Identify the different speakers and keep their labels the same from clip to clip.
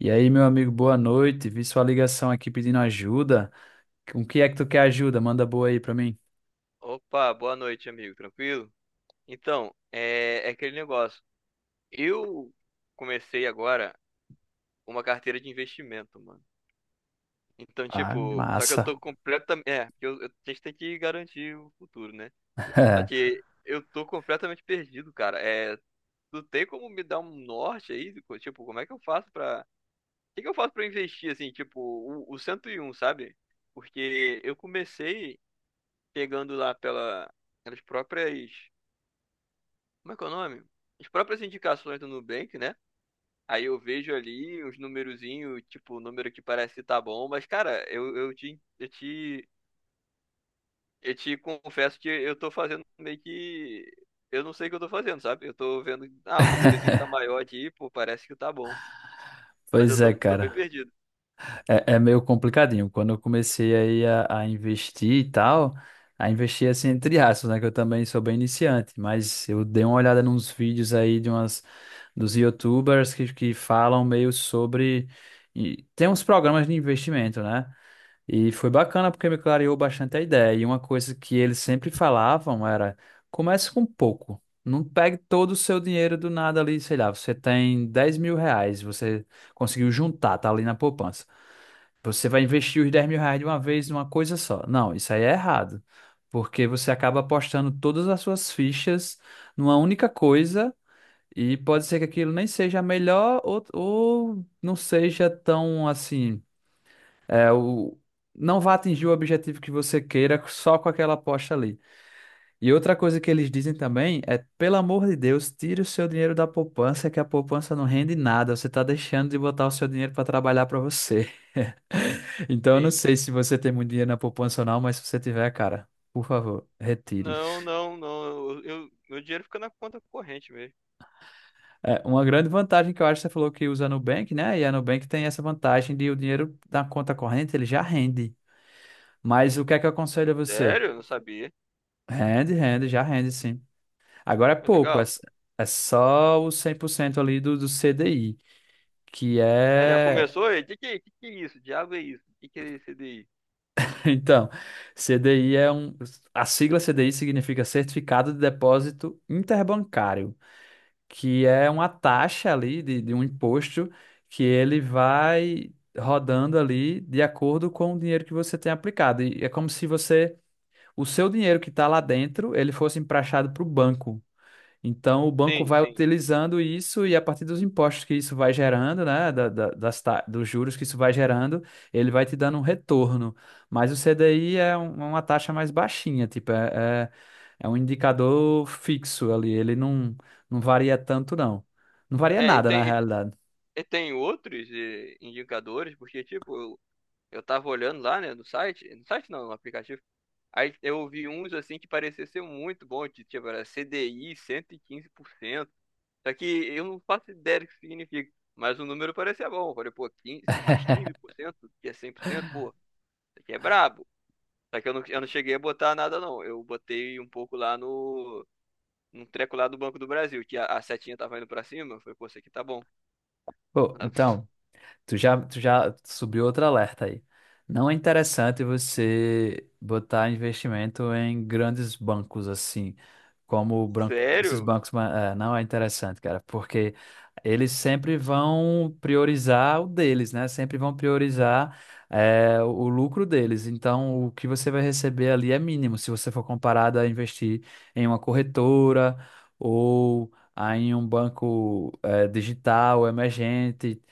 Speaker 1: E aí, meu amigo, boa noite. Vi sua ligação aqui pedindo ajuda. Com que é que tu quer ajuda? Manda boa aí pra mim.
Speaker 2: Opa, boa noite, amigo. Tranquilo? Então, é aquele negócio. Eu comecei agora uma carteira de investimento, mano. Então,
Speaker 1: Ah,
Speaker 2: tipo, só que eu
Speaker 1: massa.
Speaker 2: tô completamente. Porque a gente tem que garantir o futuro, né? Só que eu tô completamente perdido, cara. É, tu tem como me dar um norte aí? Tipo, como é que eu faço pra. O que que eu faço pra investir, assim, tipo, o 101, sabe? Porque eu comecei pegando lá pela, pelas próprias. Como é que é o nome? As próprias indicações do Nubank, né? Aí eu vejo ali os numerozinhos, tipo, o número que parece que tá bom, mas, cara, eu te confesso que eu tô fazendo meio que. Eu não sei o que eu tô fazendo, sabe? Eu tô vendo, ah, o númerozinho tá maior aqui, pô, parece que tá bom. Mas eu
Speaker 1: Pois
Speaker 2: tô,
Speaker 1: é,
Speaker 2: tô bem
Speaker 1: cara.
Speaker 2: perdido.
Speaker 1: É meio complicadinho. Quando eu comecei aí a investir e tal, a investir assim entre aspas, né? Que eu também sou bem iniciante, mas eu dei uma olhada nos vídeos aí de umas dos YouTubers que falam meio sobre. E tem uns programas de investimento, né? E foi bacana porque me clareou bastante a ideia. E uma coisa que eles sempre falavam era: comece com pouco. Não pegue todo o seu dinheiro do nada ali, sei lá, você tem 10 mil reais, você conseguiu juntar, tá ali na poupança. Você vai investir os 10 mil reais de uma vez numa coisa só. Não, isso aí é errado. Porque você acaba apostando todas as suas fichas numa única coisa e pode ser que aquilo nem seja a melhor ou não seja tão assim é, o... Não vá atingir o objetivo que você queira só com aquela aposta ali. E outra coisa que eles dizem também é, pelo amor de Deus, tire o seu dinheiro da poupança, que a poupança não rende nada. Você está deixando de botar o seu dinheiro para trabalhar para você. Então, eu não
Speaker 2: Sim.
Speaker 1: sei se você tem muito dinheiro na poupança ou não, mas se você tiver, cara, por favor, retire.
Speaker 2: Não, não, não. Meu dinheiro fica na conta corrente mesmo.
Speaker 1: É, uma grande vantagem que eu acho, você falou que usa a Nubank, né? E a Nubank tem essa vantagem de o dinheiro da conta corrente, ele já rende. Mas o que é que eu aconselho a você?
Speaker 2: Sério? Eu não sabia.
Speaker 1: Rende, rende, já rende, sim. Agora é
Speaker 2: Mas
Speaker 1: pouco,
Speaker 2: legal.
Speaker 1: é só o 100% ali do CDI, que
Speaker 2: É, já
Speaker 1: é.
Speaker 2: começou aí? O que que é isso? Diabo é isso? O que é esse daí?
Speaker 1: Então, CDI é um. A sigla CDI significa Certificado de Depósito Interbancário, que é uma taxa ali de um imposto que ele vai rodando ali de acordo com o dinheiro que você tem aplicado. E é como se você. O seu dinheiro que está lá dentro, ele fosse emprestado para o banco. Então, o banco
Speaker 2: Sim,
Speaker 1: vai
Speaker 2: sim.
Speaker 1: utilizando isso e a partir dos impostos que isso vai gerando, né, dos juros que isso vai gerando, ele vai te dando um retorno. Mas o CDI é uma taxa mais baixinha, tipo, é um indicador fixo ali, ele não varia tanto, não. Não varia
Speaker 2: É, e
Speaker 1: nada, na
Speaker 2: tem,
Speaker 1: realidade.
Speaker 2: e tem outros indicadores, porque, tipo, eu tava olhando lá, né, no site, no site não, no aplicativo, aí eu vi uns, assim, que parecia ser muito bom, que, tipo, era CDI 115%, só que eu não faço ideia do que significa, mas o número parecia bom, eu falei, pô, 15 mais 15% que é 100%, pô, isso aqui é brabo, só que eu não cheguei a botar nada, não, eu botei um pouco lá no... Num treco lá do Banco do Brasil, que a setinha tava indo pra cima, eu falei, pô, isso aqui tá bom.
Speaker 1: Pô,
Speaker 2: Sabe?
Speaker 1: então. Tu já subiu outro alerta aí. Não é interessante você botar investimento em grandes bancos assim, como o branco, esses
Speaker 2: Sério?
Speaker 1: bancos, não é interessante, cara, porque eles sempre vão priorizar o deles, né? Sempre vão priorizar, o lucro deles. Então, o que você vai receber ali é mínimo se você for comparado a investir em uma corretora ou a em um banco, digital, emergente.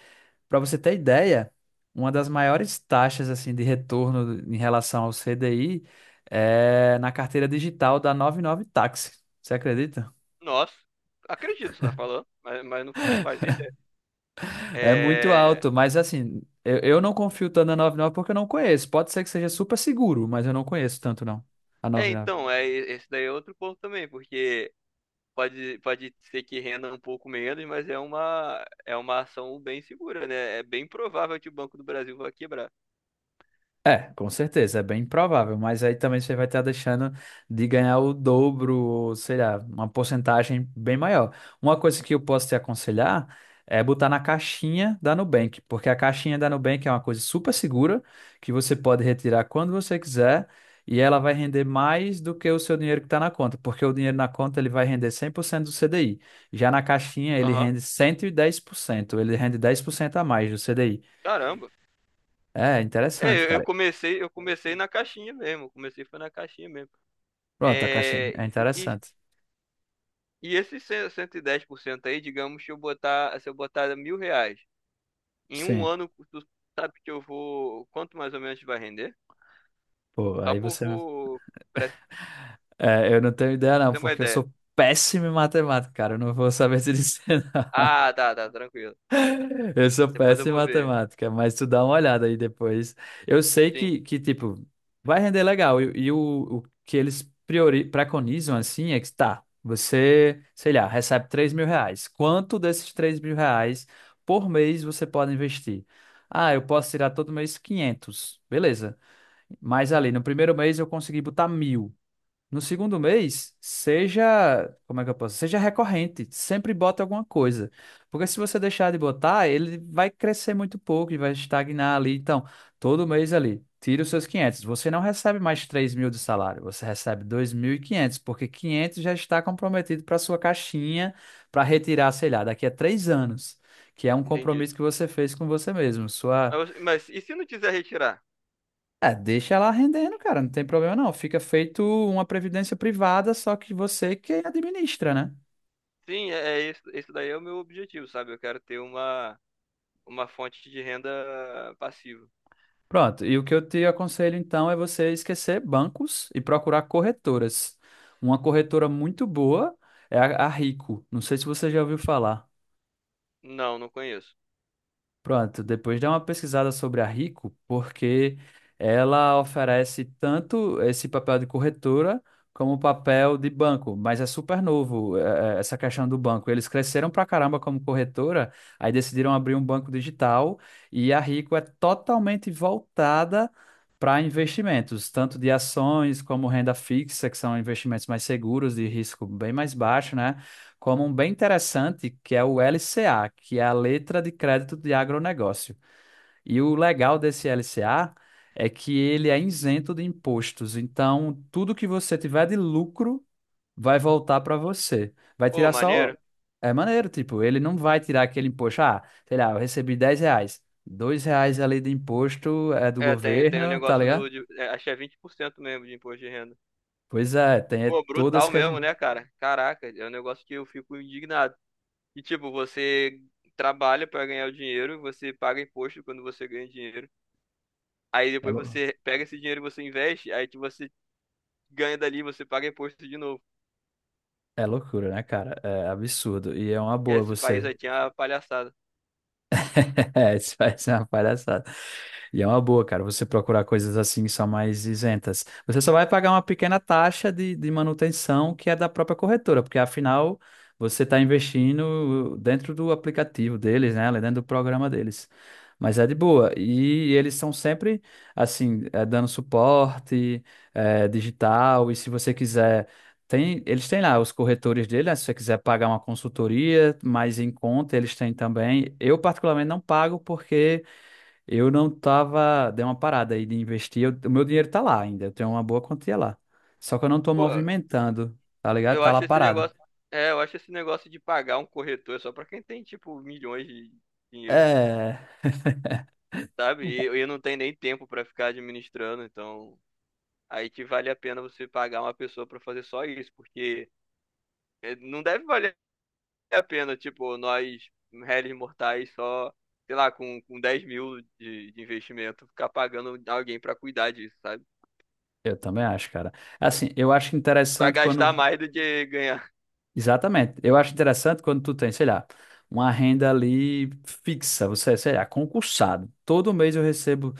Speaker 1: Para você ter ideia, uma das maiores taxas assim de retorno em relação ao CDI é na carteira digital da noventa e nove Táxi. Você acredita?
Speaker 2: Nossa, acredito que você tá falando, mas não, não faz ideia.
Speaker 1: É muito
Speaker 2: É,
Speaker 1: alto, mas assim, eu não confio tanto na 99 porque eu não conheço. Pode ser que seja super seguro, mas eu não conheço tanto não, a noventa e nove.
Speaker 2: então, esse daí é outro ponto também, porque pode ser que renda um pouco menos, mas é uma ação bem segura, né? É bem provável que o Banco do Brasil vá quebrar.
Speaker 1: É, com certeza, é bem provável, mas aí também você vai estar deixando de ganhar o dobro, ou sei lá, uma porcentagem bem maior. Uma coisa que eu posso te aconselhar é botar na caixinha da Nubank, porque a caixinha da Nubank é uma coisa super segura, que você pode retirar quando você quiser, e ela vai render mais do que o seu dinheiro que está na conta, porque o dinheiro na conta ele vai render 100% do CDI. Já na caixinha ele
Speaker 2: Aham,
Speaker 1: rende 110%, ele rende 10% a mais do CDI.
Speaker 2: caramba.
Speaker 1: É interessante,
Speaker 2: É, eu, eu
Speaker 1: cara.
Speaker 2: comecei, eu comecei na caixinha mesmo, eu comecei foi na caixinha mesmo.
Speaker 1: Pronto, a caixinha.
Speaker 2: É,
Speaker 1: É
Speaker 2: e, e,
Speaker 1: interessante.
Speaker 2: e esses 110% aí, digamos, se eu botar R$ 1.000. Em um
Speaker 1: Sim.
Speaker 2: ano, tu sabe que eu vou. Quanto mais ou menos vai render?
Speaker 1: Pô,
Speaker 2: Só
Speaker 1: aí você.
Speaker 2: pra
Speaker 1: É, eu não tenho ideia,
Speaker 2: pra
Speaker 1: não,
Speaker 2: ter uma
Speaker 1: porque eu
Speaker 2: ideia.
Speaker 1: sou péssimo em matemática, cara. Eu não vou saber te dizer. Não.
Speaker 2: Ah, tá, tá, tranquilo.
Speaker 1: Eu sou
Speaker 2: Depois eu
Speaker 1: péssimo em
Speaker 2: vou ver.
Speaker 1: matemática, mas tu dá uma olhada aí depois. Eu sei
Speaker 2: Sim,
Speaker 1: que tipo, vai render legal. E o que eles preconizam, assim, é que tá. Você, sei lá, recebe 3 mil reais. Quanto desses 3 mil reais por mês você pode investir? Ah, eu posso tirar todo mês quinhentos. Beleza. Mas ali, no primeiro mês eu consegui botar mil. No segundo mês, seja, como é que eu posso? Seja recorrente, sempre bota alguma coisa. Porque se você deixar de botar, ele vai crescer muito pouco e vai estagnar ali. Então, todo mês ali, tira os seus quinhentos. Você não recebe mais 3 mil de salário, você recebe 2.500 porque 500 já está comprometido para sua caixinha para retirar, sei lá, daqui a três anos, que é um
Speaker 2: entendi.
Speaker 1: compromisso que você fez com você mesmo. Sua
Speaker 2: Mas e se não quiser retirar?
Speaker 1: é, deixa ela rendendo, cara, não tem problema não. Fica feito uma previdência privada, só que você que administra, né?
Speaker 2: Sim, é isso. Isso daí é o meu objetivo, sabe? Eu quero ter uma fonte de renda passiva.
Speaker 1: Pronto, e o que eu te aconselho então é você esquecer bancos e procurar corretoras. Uma corretora muito boa é a Rico. Não sei se você já ouviu falar.
Speaker 2: Não, não conheço.
Speaker 1: Pronto, depois dá uma pesquisada sobre a Rico, porque ela oferece tanto esse papel de corretora como o papel de banco, mas é super novo, essa questão do banco. Eles cresceram pra caramba como corretora, aí decidiram abrir um banco digital e a Rico é totalmente voltada para investimentos, tanto de ações como renda fixa, que são investimentos mais seguros, de risco bem mais baixo, né? Como um bem interessante, que é o LCA, que é a letra de crédito de agronegócio. E o legal desse LCA é que ele é isento de impostos, então tudo que você tiver de lucro vai voltar para você. Vai
Speaker 2: Pô,
Speaker 1: tirar só.
Speaker 2: maneiro.
Speaker 1: É maneiro, tipo, ele não vai tirar aquele imposto. Ah, sei lá, eu recebi 10 reais. Dois reais ali de imposto é do
Speaker 2: Tem um
Speaker 1: governo, tá
Speaker 2: negócio do.
Speaker 1: ligado?
Speaker 2: Acho que é 20% mesmo de imposto de renda.
Speaker 1: Pois é, tem é
Speaker 2: Pô,
Speaker 1: todas
Speaker 2: brutal
Speaker 1: que.
Speaker 2: mesmo, né, cara? Caraca, é um negócio que eu fico indignado. E tipo, você trabalha para ganhar o dinheiro, você paga imposto quando você ganha dinheiro. Aí
Speaker 1: É,
Speaker 2: depois
Speaker 1: lou-
Speaker 2: você pega esse dinheiro e você investe, aí que você ganha dali, você paga imposto de novo.
Speaker 1: é loucura, né, cara? É absurdo. E é uma
Speaker 2: E
Speaker 1: boa
Speaker 2: esse país
Speaker 1: você.
Speaker 2: aí tinha uma palhaçada.
Speaker 1: É, isso vai ser uma palhaçada. E é uma boa, cara, você procurar coisas assim só mais isentas. Você só vai pagar uma pequena taxa de manutenção que é da própria corretora, porque afinal você está investindo dentro do aplicativo deles, né? Dentro do programa deles. Mas é de boa. E eles são sempre, assim, dando suporte, digital. E se você quiser. Tem, eles têm lá os corretores dele, né? Se você quiser pagar uma consultoria, mais em conta, eles têm também. Eu, particularmente, não pago porque eu não tava. Dei uma parada aí de investir. O meu dinheiro tá lá ainda. Eu tenho uma boa quantia lá. Só que eu não tô
Speaker 2: Pô,
Speaker 1: movimentando, tá ligado?
Speaker 2: eu
Speaker 1: Tá lá
Speaker 2: acho esse
Speaker 1: parado.
Speaker 2: negócio, eu acho esse negócio de pagar um corretor só pra quem tem tipo milhões de dinheiros,
Speaker 1: É.
Speaker 2: sabe? E eu não tenho nem tempo pra ficar administrando, então aí que vale a pena você pagar uma pessoa pra fazer só isso, porque não deve valer a pena, tipo, nós, réis mortais, só, sei lá, com 10.000 de investimento, ficar pagando alguém pra cuidar disso, sabe?
Speaker 1: Eu também acho, cara. Assim, eu acho
Speaker 2: Vai
Speaker 1: interessante
Speaker 2: gastar
Speaker 1: quando.
Speaker 2: mais do que ganhar.
Speaker 1: Exatamente. Eu acho interessante quando tu tem, sei lá, uma renda ali fixa. Você, sei lá, concursado. Todo mês eu recebo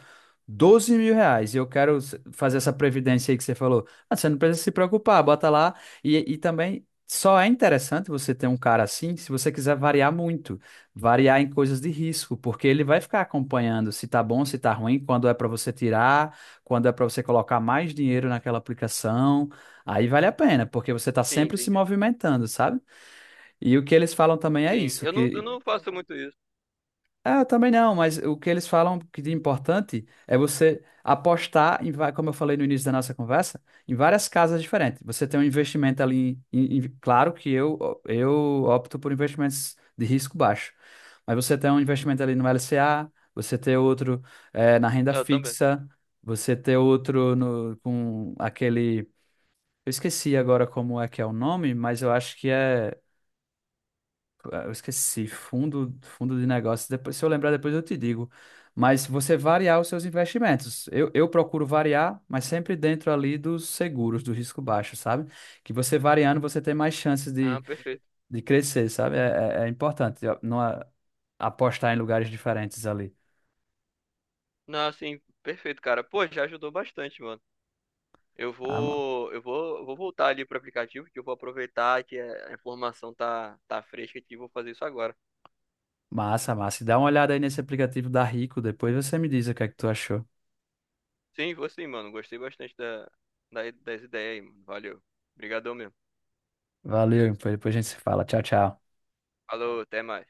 Speaker 1: 12 mil reais. E eu quero fazer essa previdência aí que você falou. Ah, você não precisa se preocupar, bota lá. E também só é interessante você ter um cara assim se você quiser variar muito. Variar em coisas de risco, porque ele vai ficar acompanhando se tá bom, se tá ruim, quando é para você tirar, quando é para você colocar mais dinheiro naquela aplicação. Aí vale a pena, porque você tá
Speaker 2: Sim,
Speaker 1: sempre se
Speaker 2: entendi.
Speaker 1: movimentando, sabe? E o que eles falam também é
Speaker 2: Sim,
Speaker 1: isso,
Speaker 2: eu não, eu
Speaker 1: que
Speaker 2: não faço muito isso.
Speaker 1: é, eu também não, mas o que eles falam que de importante é você apostar em, como eu falei no início da nossa conversa, em várias casas diferentes. Você tem um investimento ali, claro que eu opto por investimentos de risco baixo, mas você tem um investimento ali no LCA, você tem outro na renda
Speaker 2: Eu também.
Speaker 1: fixa, você tem outro no, com aquele, eu esqueci agora como é que é o nome, mas eu acho que é. Ah, eu esqueci, fundo de negócios. Depois, se eu lembrar, depois eu te digo. Mas você variar os seus investimentos. Eu procuro variar, mas sempre dentro ali dos seguros, do risco baixo, sabe? Que você variando, você tem mais chances de,
Speaker 2: Ah, perfeito.
Speaker 1: de crescer, sabe? É importante ó, não apostar em lugares diferentes ali.
Speaker 2: Não, assim, perfeito, cara. Pô, já ajudou bastante, mano. Eu
Speaker 1: Ah,
Speaker 2: vou, eu vou, eu vou voltar ali pro aplicativo, que eu vou aproveitar que a informação tá fresca aqui e vou fazer isso agora.
Speaker 1: massa, massa. E dá uma olhada aí nesse aplicativo da Rico, depois você me diz o que é que tu achou.
Speaker 2: Sim, vou sim, mano. Gostei bastante da, das ideias aí, mano. Valeu. Obrigadão mesmo.
Speaker 1: Valeu, depois a gente se fala. Tchau, tchau.
Speaker 2: Falou, até mais.